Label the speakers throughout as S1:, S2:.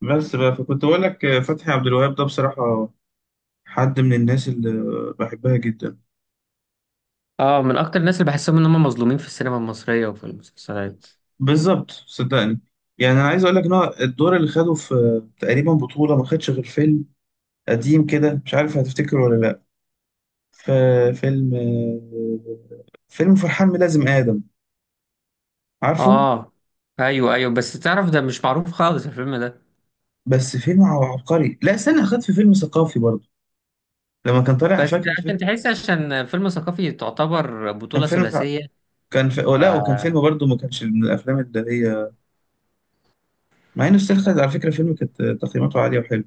S1: بس بقى فكنت أقول لك، فتحي عبد الوهاب ده بصراحة حد من الناس اللي بحبها جدا.
S2: اه، من اكتر الناس اللي بحسهم ان هم مظلومين في السينما المصرية وفي المسلسلات.
S1: بالظبط، صدقني. يعني أنا عايز أقول لك إن هو الدور اللي خده في تقريبا بطولة ما خدش غير فيلم قديم كده، مش عارف هتفتكر ولا لأ. ففيلم آه، فيلم فرحان ميلازم آدم، عارفه؟
S2: اه، ايوه ايوه، بس تعرف ده مش معروف خالص الفيلم ده.
S1: بس فيلم عبقري. لا استنى، خد في فيلم ثقافي برضه لما كان طالع،
S2: بس
S1: فاكر الفيلم؟
S2: عشان تحس، عشان فيلم ثقافي تعتبر
S1: كان
S2: بطولة
S1: فيلم بتاع،
S2: ثلاثية.
S1: كان في...
S2: ف
S1: لا، وكان فيلم برضه ما كانش من الأفلام اللي هي، مع إنه استخدم على فكرة فيلم كانت تقييماته عالية وحلوة.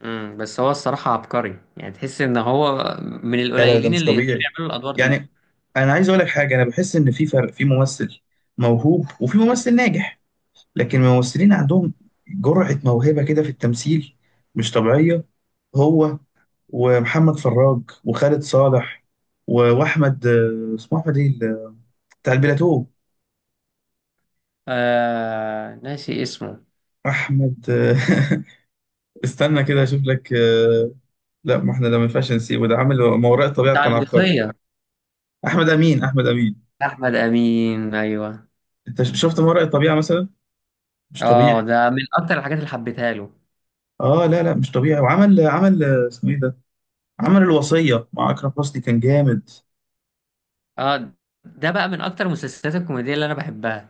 S2: مم. بس هو الصراحة عبقري، يعني تحس ان هو من
S1: لا لا، ده
S2: القليلين
S1: مش
S2: اللي يقدروا
S1: طبيعي.
S2: يعملوا الادوار دي.
S1: يعني انا عايز اقول لك حاجه، انا بحس ان في فرق في ممثل موهوب وفي ممثل ناجح، لكن الممثلين عندهم جرعه موهبه كده في التمثيل مش طبيعيه. هو ومحمد فراج وخالد صالح و- واحمد، اسمه احمد ايه بتاع البلاتو؟
S2: ناسي اسمه.
S1: احمد استنى كده اشوف لك. لا، ما احنا ده ما ينفعش نسيبه، ده عامل ما وراء الطبيعه
S2: بتاع
S1: كان عبقري.
S2: الوصية.
S1: احمد امين، احمد امين.
S2: احمد امين، ايوه.
S1: انت شفت ما وراء الطبيعه مثلا؟ مش
S2: اه،
S1: طبيعي.
S2: ده من اكتر الحاجات اللي حبيتها له.
S1: اه لا لا مش طبيعي. وعمل عمل اسمه ايه ده، عمل الوصية مع أكرم حسني، كان جامد.
S2: اه، ده بقى من اكتر المسلسلات الكوميدية اللي انا بحبها.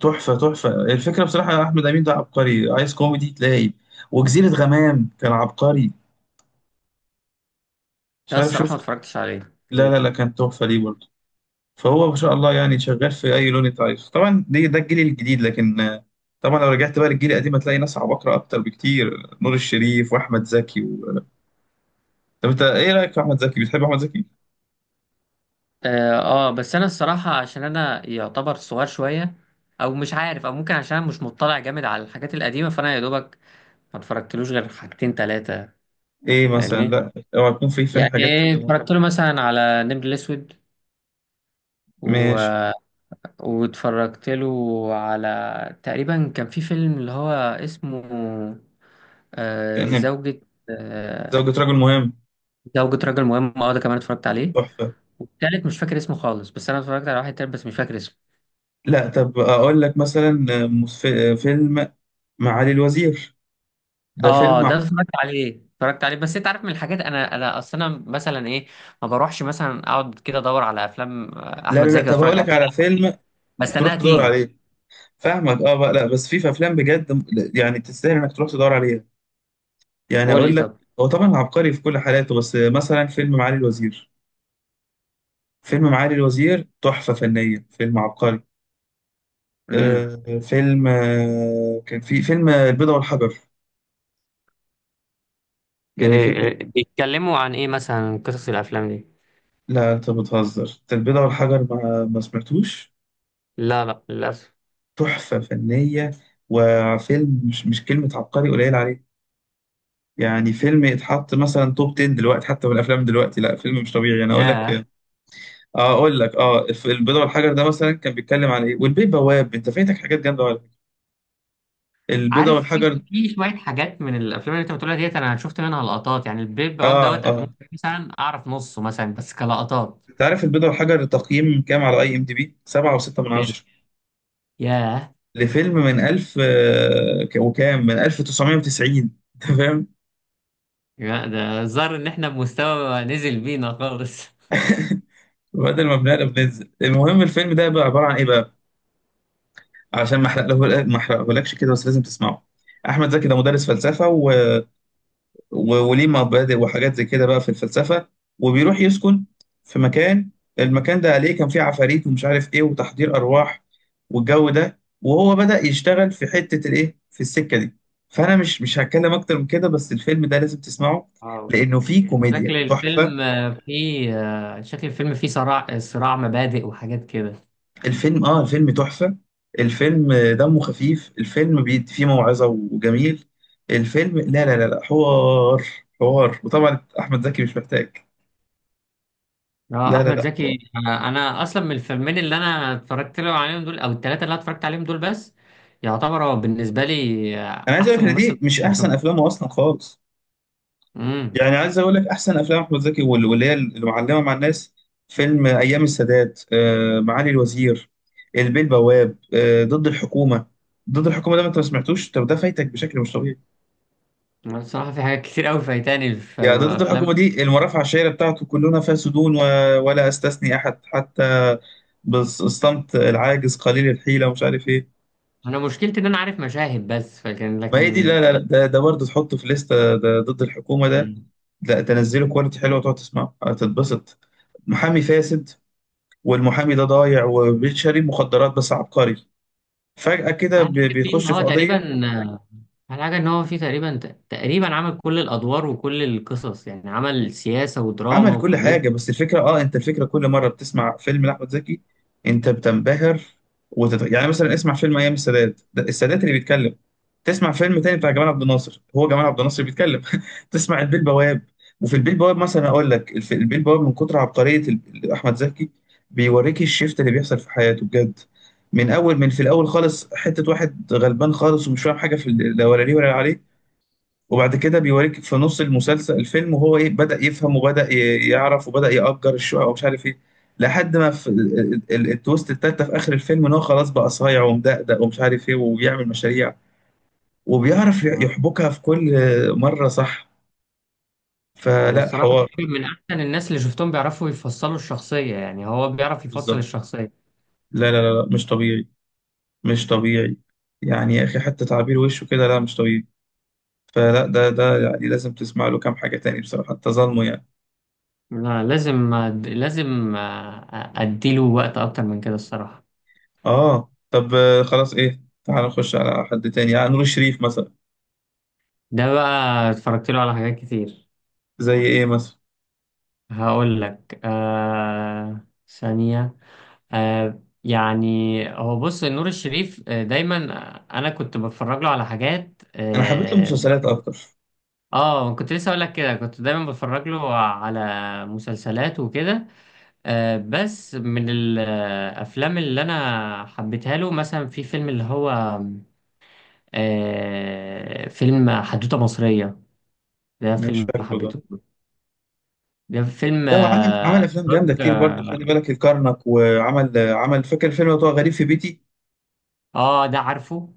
S1: تحفة، تحفة، الفكرة بصراحة أحمد أمين ده عبقري، عايز كوميدي تلاقي. وجزيرة غمام كان عبقري، مش
S2: ده
S1: عارف
S2: الصراحة ما
S1: شفت؟
S2: اتفرجتش عليه
S1: لا لا لا، كان تحفة ليه برضه. فهو ما شاء الله يعني شغال في أي لون أنت عايزه. طبعا دي ده الجيل الجديد، لكن طبعا لو رجعت بقى للجيل القديم هتلاقي ناس عباقرة أكتر بكتير. نور الشريف وأحمد زكي و... طب أنت إيه رأيك في أحمد زكي، بتحب أحمد زكي؟
S2: اه. بس انا الصراحة عشان انا يعتبر صغير شوية، او مش عارف، او ممكن عشان أنا مش مطلع جامد على الحاجات القديمة، فانا يا دوبك ما اتفرجتلوش غير حاجتين تلاتة.
S1: إيه مثلا؟
S2: فاهمني؟
S1: لا اوعى يكون في
S2: يعني
S1: حاجات.
S2: إيه، اتفرجت له مثلا على نمر الاسود
S1: ماشي.
S2: و... واتفرجت له على تقريبا كان في فيلم اللي هو اسمه زوجة، آه...
S1: زوجة رجل مهم،
S2: زوجة رجل مهم. اه، ده كمان اتفرجت عليه.
S1: تحفة.
S2: والتالت مش فاكر اسمه خالص، بس انا اتفرجت على واحد تالت بس مش فاكر اسمه.
S1: لا، طب أقول لك مثلا فيلم معالي الوزير، ده
S2: اه،
S1: فيلم
S2: ده اتفرجت عليه اتفرجت عليه، بس انت عارف من الحاجات انا اصل انا مثلا ايه، ما بروحش مثلا اقعد كده ادور على افلام
S1: لا
S2: احمد
S1: لا لا،
S2: زكي
S1: طب
S2: اتفرج
S1: أقول لك على
S2: عليها،
S1: فيلم تروح
S2: بستناها
S1: تدور
S2: تيجي.
S1: عليه. فاهمك، اه بقى، لا بس في أفلام بجد، يعني تستاهل إنك تروح تدور عليها. يعني
S2: قول لي
S1: أقول لك،
S2: طب.
S1: هو طبعا عبقري في كل حالاته، بس مثلا فيلم معالي الوزير، فيلم معالي الوزير تحفة فنية، فيلم عبقري.
S2: امم.
S1: آه فيلم آه كان في فيلم البيضة والحجر، يعني فيلم،
S2: اوكي، بيتكلموا عن ايه مثلا قصص الافلام دي؟
S1: لا انت بتهزر، انت البيضة والحجر ما سمعتوش؟
S2: لا لا، للاسف.
S1: تحفة فنية. وفيلم مش كلمة عبقري قليل عليه. يعني فيلم يتحط مثلا توب 10 دلوقتي حتى من الافلام دلوقتي، لا فيلم مش طبيعي انا اقول لك.
S2: ياه.
S1: اه، اقول لك، اه البيضة والحجر ده مثلا كان بيتكلم على ايه، والبيه بواب، انت فايتك حاجات جامدة على فكرة. البيضة
S2: عارف، في
S1: والحجر،
S2: في شويه حاجات من الافلام اللي انت بتقولها ديت انا شفت منها لقطات، يعني البيب بواب
S1: اه
S2: دوت انا
S1: اه.
S2: ممكن مثلا اعرف نصه مثلا بس كلقطات.
S1: انت عارف البيضة والحجر تقييم كام على IMDb؟ 7.6 من
S2: كان
S1: 10،
S2: ياه.
S1: لفيلم من 1000 وكام من 1990؟ انت فاهم؟
S2: يا ده، الظاهر ان احنا بمستوى نزل بينا خالص.
S1: بدل ما بنقلب بننزل. المهم، الفيلم ده بقى عبارة عن ايه بقى، عشان ما احرقه، ما احرقهولكش كده، بس لازم تسمعه. احمد زكي ده مدرس فلسفه وليه مبادئ وحاجات زي كده بقى في الفلسفه، وبيروح يسكن في مكان، المكان ده عليه كان فيه عفاريت ومش عارف ايه وتحضير ارواح والجو ده، وهو بدأ يشتغل في حته الايه في السكه دي. فانا مش هتكلم اكتر من كده، بس الفيلم ده لازم تسمعه
S2: اه،
S1: لانه فيه
S2: اوكي.
S1: كوميديا تحفه.
S2: شكل الفيلم فيه صراع، صراع مبادئ وحاجات كده.
S1: الفيلم، اه الفيلم تحفة. الفيلم دمه خفيف، الفيلم فيه موعظة وجميل. الفيلم، لا لا لا لا، حوار، حوار. وطبعا احمد زكي مش محتاج،
S2: اه،
S1: لا لا
S2: احمد
S1: لا، حوار.
S2: زكي، انا اصلا من الفيلمين اللي انا اتفرجت له عليهم دول، او الثلاثه اللي انا اتفرجت عليهم دول بس، يعتبر هو بالنسبه لي
S1: انا عايز اقول
S2: احسن
S1: لك إن دي
S2: ممثل.
S1: مش احسن افلامه اصلا خالص.
S2: امم.
S1: يعني عايز اقول لك احسن افلام احمد زكي وال- واللي هي اللي معلمة مع الناس: فيلم ايام السادات، معالي الوزير، البيه البواب، ضد الحكومة. ضد الحكومة ده ما انت ما سمعتوش؟ طب ده فايتك بشكل مش طبيعي.
S2: الصراحه في حاجات كتير قوي فايتاني في
S1: يا ده، ضد الحكومة
S2: افلام.
S1: دي المرافع الشهيرة بتاعته، كلنا فاسدون و... ولا أستثني أحد حتى بالصمت العاجز قليل الحيلة ومش عارف إيه.
S2: انا مشكلتي ان انا عارف مشاهد بس، فكان
S1: ما هي دي،
S2: لكن
S1: لا لا لا، ده برضه تحطه في لستة، ده ضد الحكومة ده.
S2: في...
S1: لا تنزله كواليتي حلوة، تقعد تسمعه هتتبسط. محامي فاسد، والمحامي ده ضايع وبيشتري مخدرات، بس عبقري. فجأة كده
S2: اهم حاجه فيه ان
S1: بيخش
S2: هو
S1: في قضية.
S2: تقريبا آه، اهم حاجه ان هو فيه تقريبا، تقريبا عمل كل الادوار وكل القصص، يعني عمل سياسه ودراما
S1: عمل كل حاجة.
S2: وكوميديا.
S1: بس الفكرة، اه انت، الفكرة كل مرة بتسمع فيلم لأحمد زكي انت بتنبهر. يعني مثلا اسمع فيلم ايام السادات، ده السادات اللي بيتكلم. تسمع فيلم تاني بتاع جمال عبد الناصر، هو جمال عبد الناصر اللي بيتكلم. تسمع البيه البواب، وفي البيه البواب مثلا اقول لك البيه البواب، من كتر عبقرية احمد زكي بيوريك الشيفت اللي بيحصل في حياته بجد. من اول، من في الاول خالص حتة واحد غلبان خالص ومش فاهم حاجة في لا ولا ليه ولا عليه. وبعد كده بيوريك في نص المسلسل، الفيلم، وهو ايه بدأ يفهم وبدأ يعرف وبدأ يأجر الشقق ومش عارف ايه. لحد ما في التويست التالتة في آخر الفيلم، ان هو خلاص بقى صايع ومدقدق ومش عارف ايه وبيعمل مشاريع، وبيعرف
S2: آه،
S1: يحبكها في كل مرة، صح؟
S2: هو
S1: فلا،
S2: الصراحه
S1: حوار.
S2: تقريبا من احسن الناس اللي شفتهم بيعرفوا يفصلوا الشخصيه، يعني هو بيعرف يفصل
S1: بالظبط.
S2: الشخصيه.
S1: لا لا لا لا، مش طبيعي، مش طبيعي. يعني يا اخي حتى تعبير وشه كده، لا مش طبيعي. فلا، ده يعني لازم تسمع له كام حاجة تاني بصراحة، انت ظالمه يعني.
S2: لا لازم، لازم اديله وقت اكتر من كده الصراحه.
S1: اه طب، خلاص، ايه، تعال نخش على حد تاني، يعني نور الشريف مثلا.
S2: ده بقى اتفرجت له على حاجات كتير.
S1: زي ايه مثلا؟
S2: هقول لك. ثانيه. يعني، هو بص نور الشريف، دايما انا كنت بتفرج له على حاجات.
S1: انا حبيت له
S2: اه،
S1: مسلسلات اكتر.
S2: كنت لسه اقول لك كده، كنت دايما بتفرج له على مسلسلات وكده. بس من الافلام اللي انا حبيتها له مثلا في فيلم اللي هو فيلم حدوتة مصرية. ده
S1: أنا مش
S2: فيلم
S1: فاكره ده.
S2: حبيته. ده فيلم،
S1: لو عمل
S2: اه.
S1: افلام جامده كتير برضو، خلي بالك الكرنك، وعمل آه، عمل فاكر فيلم بتاع غريب في بيتي؟
S2: ده عارفه.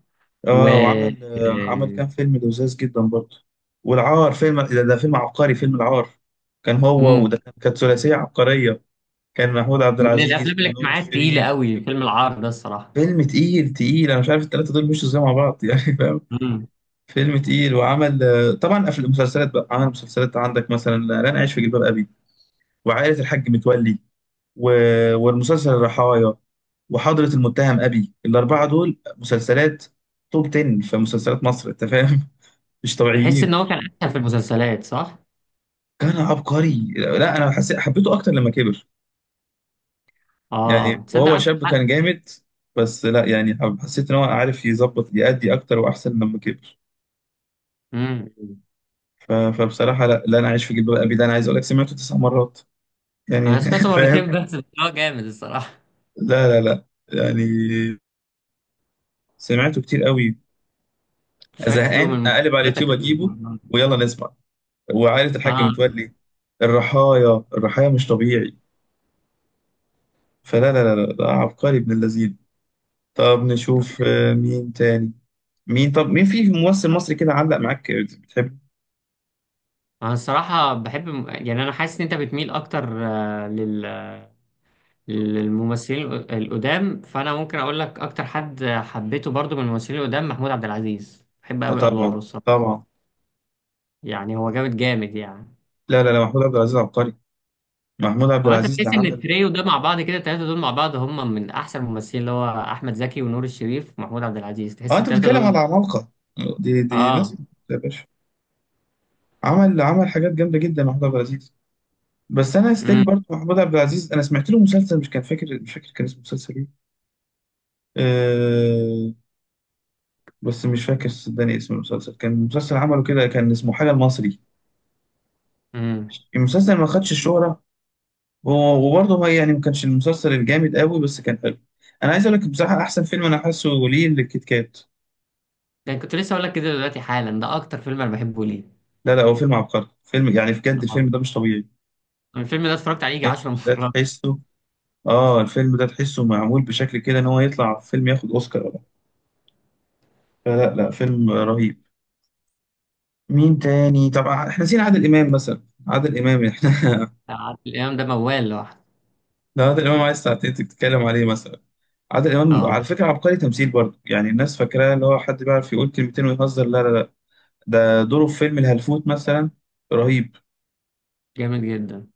S2: و
S1: اه، وعمل آه، عمل
S2: آه،
S1: كام فيلم لذاذ جدا برضو. والعار، فيلم ده، ده فيلم عبقري، فيلم العار. كان هو،
S2: مم.
S1: وده كانت ثلاثيه عبقريه. كان محمود عبد
S2: من الافلام
S1: العزيز ونور
S2: الاجتماعيه التقيله
S1: الشريف.
S2: قوي فيلم العار ده الصراحه.
S1: فيلم تقيل، تقيل، انا مش عارف الثلاثه دول مشوا ازاي مع بعض، يعني فاهم.
S2: امم.
S1: فيلم تقيل. وعمل طبعا في المسلسلات بقى، عمل مسلسلات، عندك مثلا لن أعيش في جلباب أبي، وعائلة الحاج متولي، و... والمسلسل الرحايا، وحضرة المتهم أبي. الأربعة دول مسلسلات توب 10 في مسلسلات مصر، أنت فاهم. مش
S2: تحس
S1: طبيعيين.
S2: ان هو كان احسن في المسلسلات، صح؟
S1: كان عبقري. لا أنا حسيت حبيته أكتر لما كبر.
S2: اه،
S1: يعني
S2: تصدق
S1: وهو
S2: عندك
S1: شاب كان
S2: حق.
S1: جامد، بس لا يعني، حسيت إن هو عارف يظبط يأدي أكتر وأحسن لما كبر.
S2: امم.
S1: فبصراحة لا لا، أنا عايش في جلباب أبي ده أنا عايز أقول لك سمعته 9 مرات يعني.
S2: انا سمعته مرتين
S1: فاهم؟
S2: بس، بس هو جامد الصراحه.
S1: لا لا لا، يعني سمعته كتير قوي.
S2: شكله من
S1: زهقان اقلب على اليوتيوب
S2: مسلسلاتك
S1: اجيبه،
S2: المفضلة.
S1: ويلا نسمع. وعائلة الحاج
S2: اه،
S1: متولي، الرحايا، الرحايا مش طبيعي. فلا لا لا لا لا، عبقري ابن اللذين. طب نشوف مين تاني. طب مين في ممثل مصري كده علق معاك بتحب؟
S2: انا الصراحه بحب، يعني انا حاسس ان انت بتميل اكتر للممثلين القدام، فانا ممكن اقول لك اكتر حد حبيته برضو من الممثلين القدام محمود عبد العزيز، بحب قوي ادواره
S1: طبعا،
S2: الصراحه.
S1: طبعا.
S2: يعني هو جامد جامد يعني.
S1: لا لا لا، محمود عبد العزيز عبقري، محمود عبد
S2: هو انت
S1: العزيز ده
S2: تحس ان
S1: عمل.
S2: التريو ده مع بعض كده، التلاتة دول مع بعض هم من احسن الممثلين، اللي هو احمد زكي ونور الشريف ومحمود عبد العزيز،
S1: اه
S2: تحس
S1: انت
S2: التلاتة
S1: بتتكلم على
S2: دول؟
S1: عمالقة، دي
S2: اه.
S1: ناس يا باشا. عمل حاجات جامدة جدا محمود عبد العزيز. بس انا ستيل
S2: امم.
S1: برضه، محمود عبد العزيز انا سمعت له مسلسل، مش فاكر كان اسمه مسلسل ايه. أه، بس مش فاكر صدقني اسم المسلسل، كان مسلسل عمله كده كان اسمه حاجه المصري.
S2: امم.
S1: المسلسل ما خدش الشهره، وبرضه هو يعني ما كانش المسلسل الجامد قوي، بس كان حلو. انا عايز اقول لك بصراحه احسن فيلم انا حاسه ليه، الكيت كات.
S2: ده كنت لسه اقول لك كده دلوقتي حالا، ده اكتر فيلم انا بحبه ليه.
S1: لا لا، هو فيلم عبقري، فيلم يعني بجد الفيلم
S2: اه،
S1: ده مش طبيعي.
S2: الفيلم ده اتفرجت عليه يجي 10
S1: الفيلم ده
S2: مرات.
S1: تحسه، اه الفيلم ده تحسه معمول بشكل كده ان هو يطلع فيلم ياخد اوسكار ولا حاجة. فلا لا، فيلم رهيب. مين تاني؟ طب احنا نسينا عادل امام مثلا. عادل امام، احنا
S2: عادل امام ده موال لوحده.
S1: لو عادل امام عايز ساعتين تتكلم عليه مثلا. عادل امام
S2: اه،
S1: على فكره عبقري تمثيل برضه، يعني الناس فاكراه اللي هو حد بيعرف يقول كلمتين ويهزر؟ لا لا لا، ده دوره في فيلم الهلفوت مثلا، رهيب.
S2: جامد جدا.